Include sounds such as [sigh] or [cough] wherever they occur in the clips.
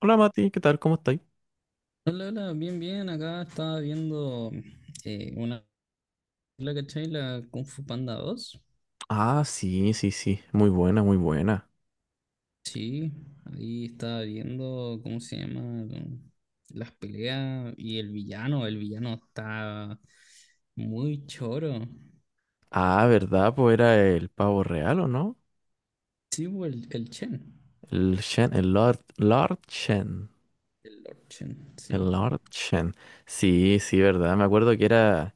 Hola Mati, ¿qué tal? ¿Cómo estáis? Hola, hola, bien, bien. Acá estaba viendo una película, ¿cachai? La Kung Fu Panda 2. Ah, sí, sí, sí, muy buena, muy buena. Sí, ahí estaba viendo, ¿cómo se llama? Las peleas y el villano. El villano está muy choro. Ah, ¿verdad? Pues era el pavo real, ¿o no? Sí, pues, el Chen. El Shen, el Lord, Lord Shen, El Lord Chen, sí. el Lord Shen. Sí, sí, ¿verdad? Me acuerdo que era,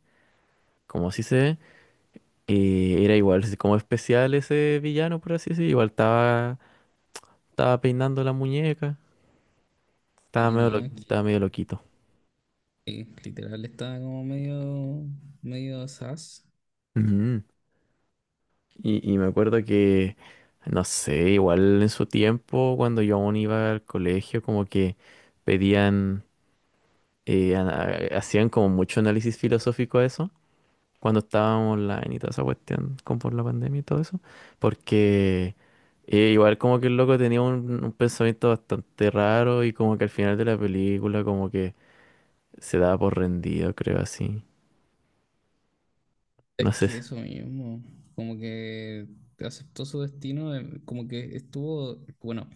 como así se, era igual, así como especial ese villano, por así decirlo. Igual estaba, estaba peinando la muñeca, estaba Sí, medio, no, es estaba que medio loquito. Literal estaba como medio, medio sas. Ujú. Y me acuerdo que, no sé, igual en su tiempo, cuando yo aún iba al colegio, como que pedían, hacían como mucho análisis filosófico a eso, cuando estábamos online y toda esa cuestión, como por la pandemia y todo eso, porque igual como que el loco tenía un pensamiento bastante raro y como que al final de la película como que se daba por rendido, creo así. Es No sé. que eso mismo, como que aceptó su destino, como que estuvo, bueno,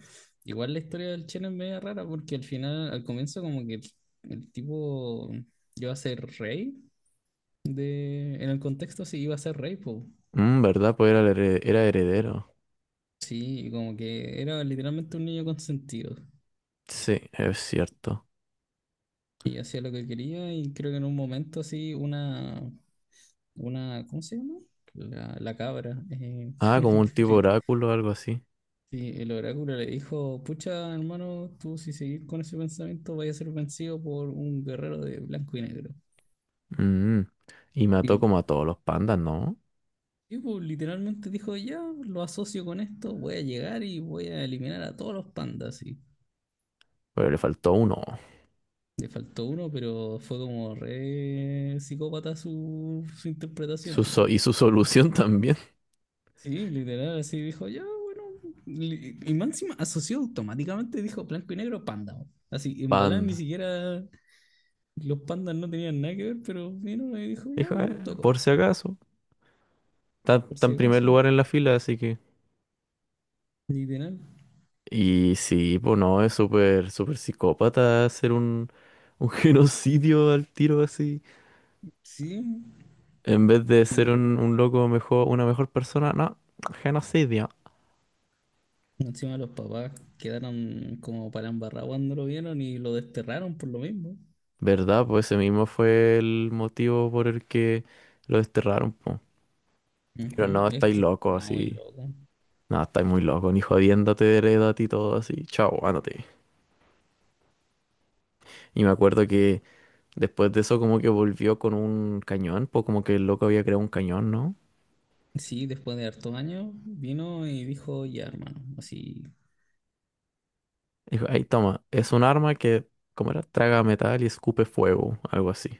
igual la historia del Chen es media rara porque al final, al comienzo como que el tipo iba a ser rey de, en el contexto sí iba a ser rey, po. Mm, ¿verdad? Pues era, era heredero. Sí, y como que era literalmente un niño consentido Sí, es cierto. y hacía lo que quería y creo que en un momento así una, ¿cómo se llama? La cabra, Ah, como un tipo [laughs] oráculo o algo así. Sí, el oráculo le dijo, pucha, hermano, tú si seguís con ese pensamiento vaya a ser vencido por un guerrero de blanco y negro. Mm. Y Y mató el como a todos los pandas, ¿no? tipo literalmente dijo, ya, lo asocio con esto, voy a llegar y voy a eliminar a todos los pandas. Y Pero le faltó uno. le faltó uno, pero fue como re psicópata su interpretación, hermano. Y su [laughs] solución también. Sí, literal, así dijo, ya, bueno. Y Máxima asoció automáticamente, dijo blanco y negro, panda. Así, en volar ni Panda. siquiera. Los pandas no tenían nada que ver, pero vino y dijo, ya, Dijo, por tocó, si acaso. Está, por está si en primer acaso. lugar en la fila, así que". Literal, Y sí, pues no, es súper, súper psicópata hacer un [laughs] genocidio al tiro así. sí. En vez de ser Y un loco mejor, una mejor persona, no, genocidio. encima los papás quedaron como para embarrar cuando lo vieron y lo desterraron por lo mismo. ¿Verdad? Pues ese mismo fue el motivo por el que lo desterraron, po. Pero Ujú. no, Es estáis que loco estaba muy así. loco. No, estáis muy loco, ni jodiéndote, heredate y todo así. Chao, ándate. Y me acuerdo que después de eso como que volvió con un cañón, pues como que el loco había creado un cañón, ¿no? Sí, después de hartos años vino y dijo, ya, hermano, así, Dijo, ahí toma, es un arma que, ¿cómo era? Traga metal y escupe fuego, algo así.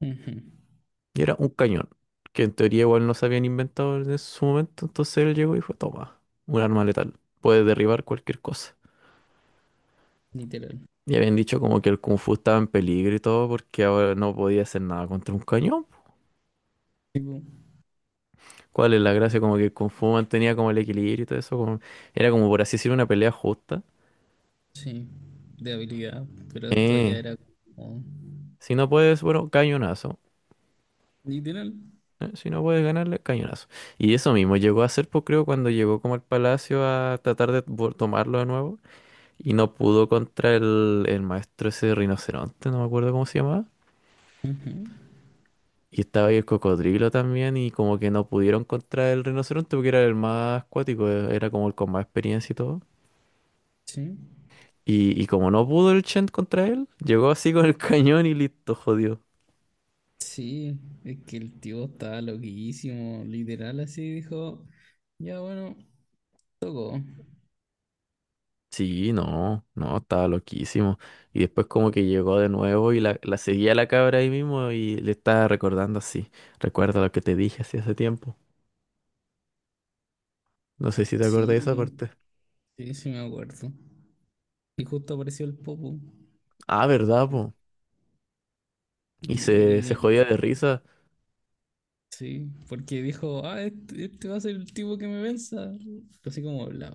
ujú, Y era un cañón, que en teoría igual no se habían inventado en su momento, entonces él llegó y dijo, toma, un arma letal, puede derribar cualquier cosa. literal. Y habían dicho como que el Kung Fu estaba en peligro y todo porque ahora no podía hacer nada contra un cañón. Tipo, ¿Cuál es la gracia? Como que el Kung Fu mantenía como el equilibrio y todo eso. Era como por así decir una pelea justa. sí, de habilidad, pero esto ya Eh, era como si no puedes, bueno, cañonazo. literal. Si no puedes ganarle, cañonazo. Y eso mismo llegó a ser, pues creo, cuando llegó como al palacio a tratar de tomarlo de nuevo. Y no pudo contra el maestro ese rinoceronte, no me acuerdo cómo se llamaba. Ujú. Y estaba ahí el cocodrilo también. Y como que no pudieron contra el rinoceronte porque era el más acuático, era como el con más experiencia y todo. Sí. Y como no pudo el Chen contra él, llegó así con el [laughs] cañón y listo, jodió. Sí, es que el tío estaba loquísimo, literal así dijo, ya bueno, tocó. Sí, no, no, estaba loquísimo. Y después como que llegó de nuevo y la seguía la cabra ahí mismo y le estaba recordando así. Recuerda lo que te dije así hace tiempo. No sé si te acordás de esa Sí, parte. sí, sí me acuerdo. Y justo apareció el Popo. Ah, ¿verdad, Y, po? Y se y- jodía de risa. sí, porque dijo, ah, este va a ser el tipo que me venza. Así como, la,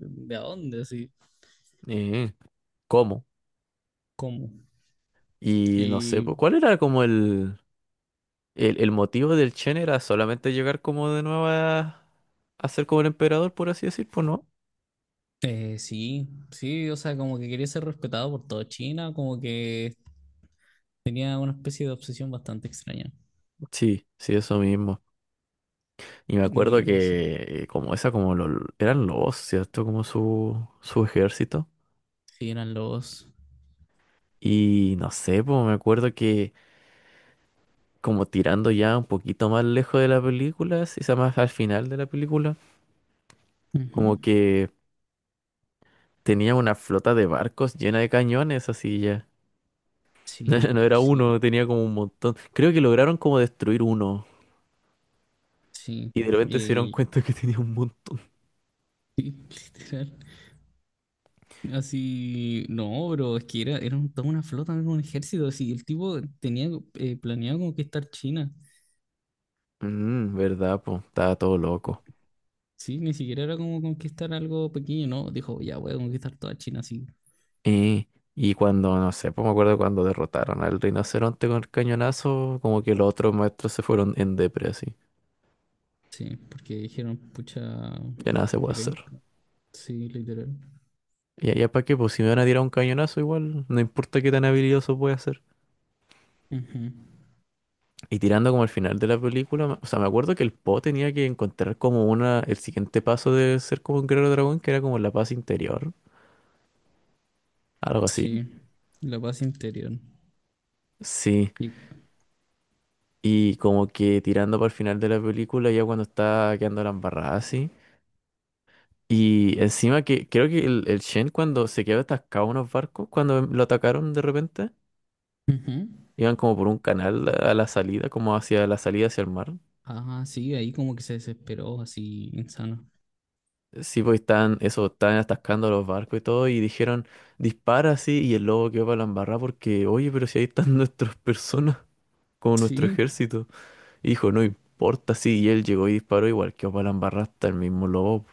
¿de a dónde? Así, Eh, ¿Cómo? ¿cómo? Y no sé, Y pues, ¿cuál era como el, el motivo del Chen? ¿Era solamente llegar como de nuevo a ser como el emperador, por así decir? Pues no. Sí, sí, o sea, como que quería ser respetado por toda China, como que tenía una especie de obsesión bastante extraña. Sí, sí, eso mismo. Y me acuerdo Y no sé. que como esa, como lo, eran lobos, ¿cierto? Como su ejército. Sí, eran lobos. Y no sé, pues me acuerdo que como tirando ya un poquito más lejos de la película, si se más al final de la película, Ujú. como que tenía una flota de barcos llena de cañones, así ya. Sí, [laughs] No era uno, sí, tenía como un montón. Creo que lograron como destruir uno. sí. Y de repente se dieron Y cuenta que tenía un montón. literal. Así, no, bro, es que era toda una flota, era un ejército. Así, el tipo tenía planeado conquistar China. Mm, ¿verdad, pues? Estaba todo loco. Sí, ni siquiera era como conquistar algo pequeño, no. Dijo, ya voy a conquistar toda China, sí. Y, y cuando, no sé, pues me acuerdo cuando derrotaron al rinoceronte con el cañonazo, como que los otros maestros se fueron en depre así. Sí, porque dijeron, pucha, Ya nada se puede que hacer. ven. Sí, literal. Y allá para qué, pues si me van a tirar un cañonazo igual, no importa qué tan habilidoso pueda ser. Ujú. Y tirando como al final de la película, o sea, me acuerdo que el Po tenía que encontrar como una, el siguiente paso de ser como un guerrero dragón, que era como la paz interior, algo así. Sí, la paz interior. Sí. Y, Y como que tirando para el final de la película, ya cuando está quedando la embarrada así. Y encima que creo que el Shen cuando se quedó atascado en unos barcos, cuando lo atacaron de repente, Ujú. iban como por un canal a la salida, como hacia la salida hacia el mar. Ah, sí, ahí como que se desesperó, así, insano. Sí, pues estaban, eso, estaban atascando los barcos y todo, y dijeron, dispara así, y el lobo quedó para la embarrada porque, oye, pero si ahí están [laughs] nuestras personas, como nuestro Sí, ejército. Y dijo, no importa, sí, y él llegó y disparó, igual quedó para la embarrada hasta el mismo lobo.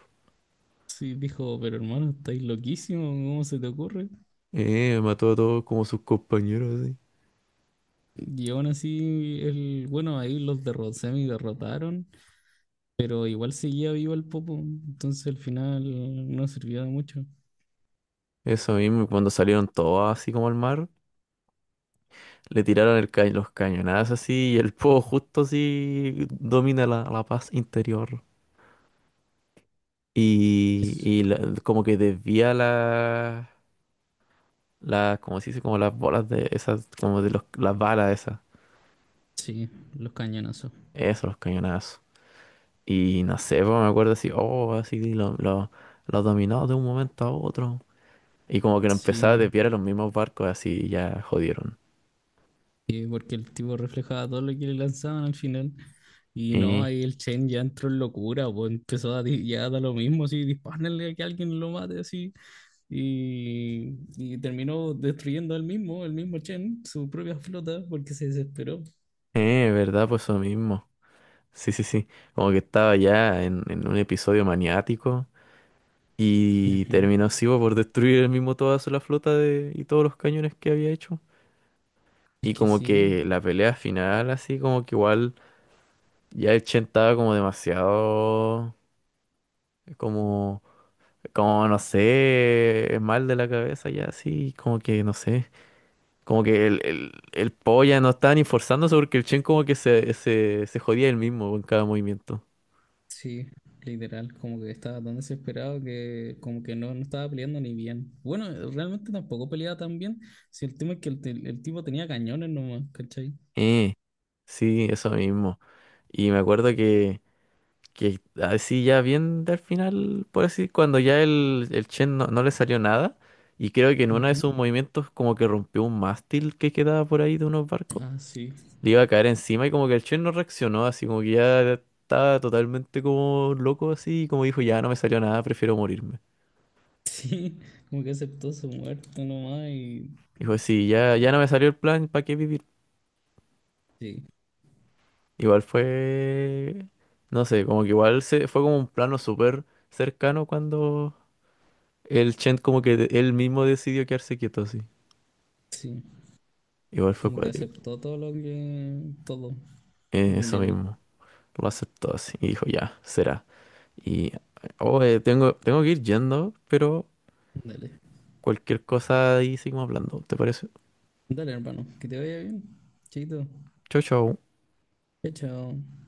sí, dijo, pero hermano, estáis loquísimo, ¿cómo se te ocurre? Mató a todos como sus compañeros, así. Y aún así, el, bueno, ahí los semi derrotaron, pero igual seguía vivo el Popo, entonces al final no sirvió de mucho. Eso mismo, y cuando salieron todos así como al mar. Le tiraron el los cañonazos así y el fuego justo así domina la, la paz interior. Y como que desvía la, la, como se dice, como las bolas de esas, como de los, las balas esas. Sí, los cañonazos. Eso, los cañonazos. Y no sé, pues, me acuerdo así, oh, así lo dominó de un momento a otro. Y como que lo empezaba a Sí, desviar a los mismos barcos, así ya jodieron. sí, porque el tipo reflejaba todo lo que le lanzaban al final. Y no, Eh, ahí el Chen ya entró en locura, pues empezó a ya da lo mismo, así, dispárenle a que alguien lo mate, así. Y terminó destruyendo él mismo, el mismo Chen, su propia flota, porque se desesperó. ¿Verdad? Pues eso mismo. Sí, sí, sí. Como que estaba ya en un episodio maniático. Y Ujú. terminó sivo por destruir el mismo toda la flota de, y todos los cañones que había hecho. Es Y que como sí, que la pelea final, así como que igual ya el Chen estaba como demasiado, como, como no sé, mal de la cabeza ya así, como que no sé. Como que el Po ya no estaba ni forzándose porque el Chen como que se jodía él mismo en cada movimiento. sí, literal, como que estaba tan desesperado que como que no estaba peleando ni bien. Bueno, realmente tampoco peleaba tan bien, si el tema es que el tipo tenía cañones nomás, ¿cachai? Eh, sí, eso mismo. Y me acuerdo que así ya bien al final, por así, cuando ya el Chen no, no le salió nada, y creo que en uno de sus movimientos como que rompió un mástil que quedaba por ahí de unos barcos, Ah, sí. [laughs] le iba a caer encima y como que el Chen no reaccionó, así como que ya estaba totalmente como loco así, y como dijo, ya no me salió nada, prefiero morirme. Sí, como que aceptó su muerte nomás y Dijo, sí, ya, ya no me salió el plan, ¿para qué vivir? sí, Igual fue, no sé, como que igual se, fue como un plano súper cercano cuando el Chen como que él mismo decidió quedarse quieto así. sí, Igual fue como que cuático. aceptó todo lo que, todo, Eso literal. mismo. Lo aceptó así. Y dijo, ya, será. Y, oh, tengo, tengo que ir yendo, pero Dale, cualquier cosa ahí seguimos hablando. ¿Te parece? dale hermano, que te vaya bien, chiquito. Chau, chau. Chao, chao.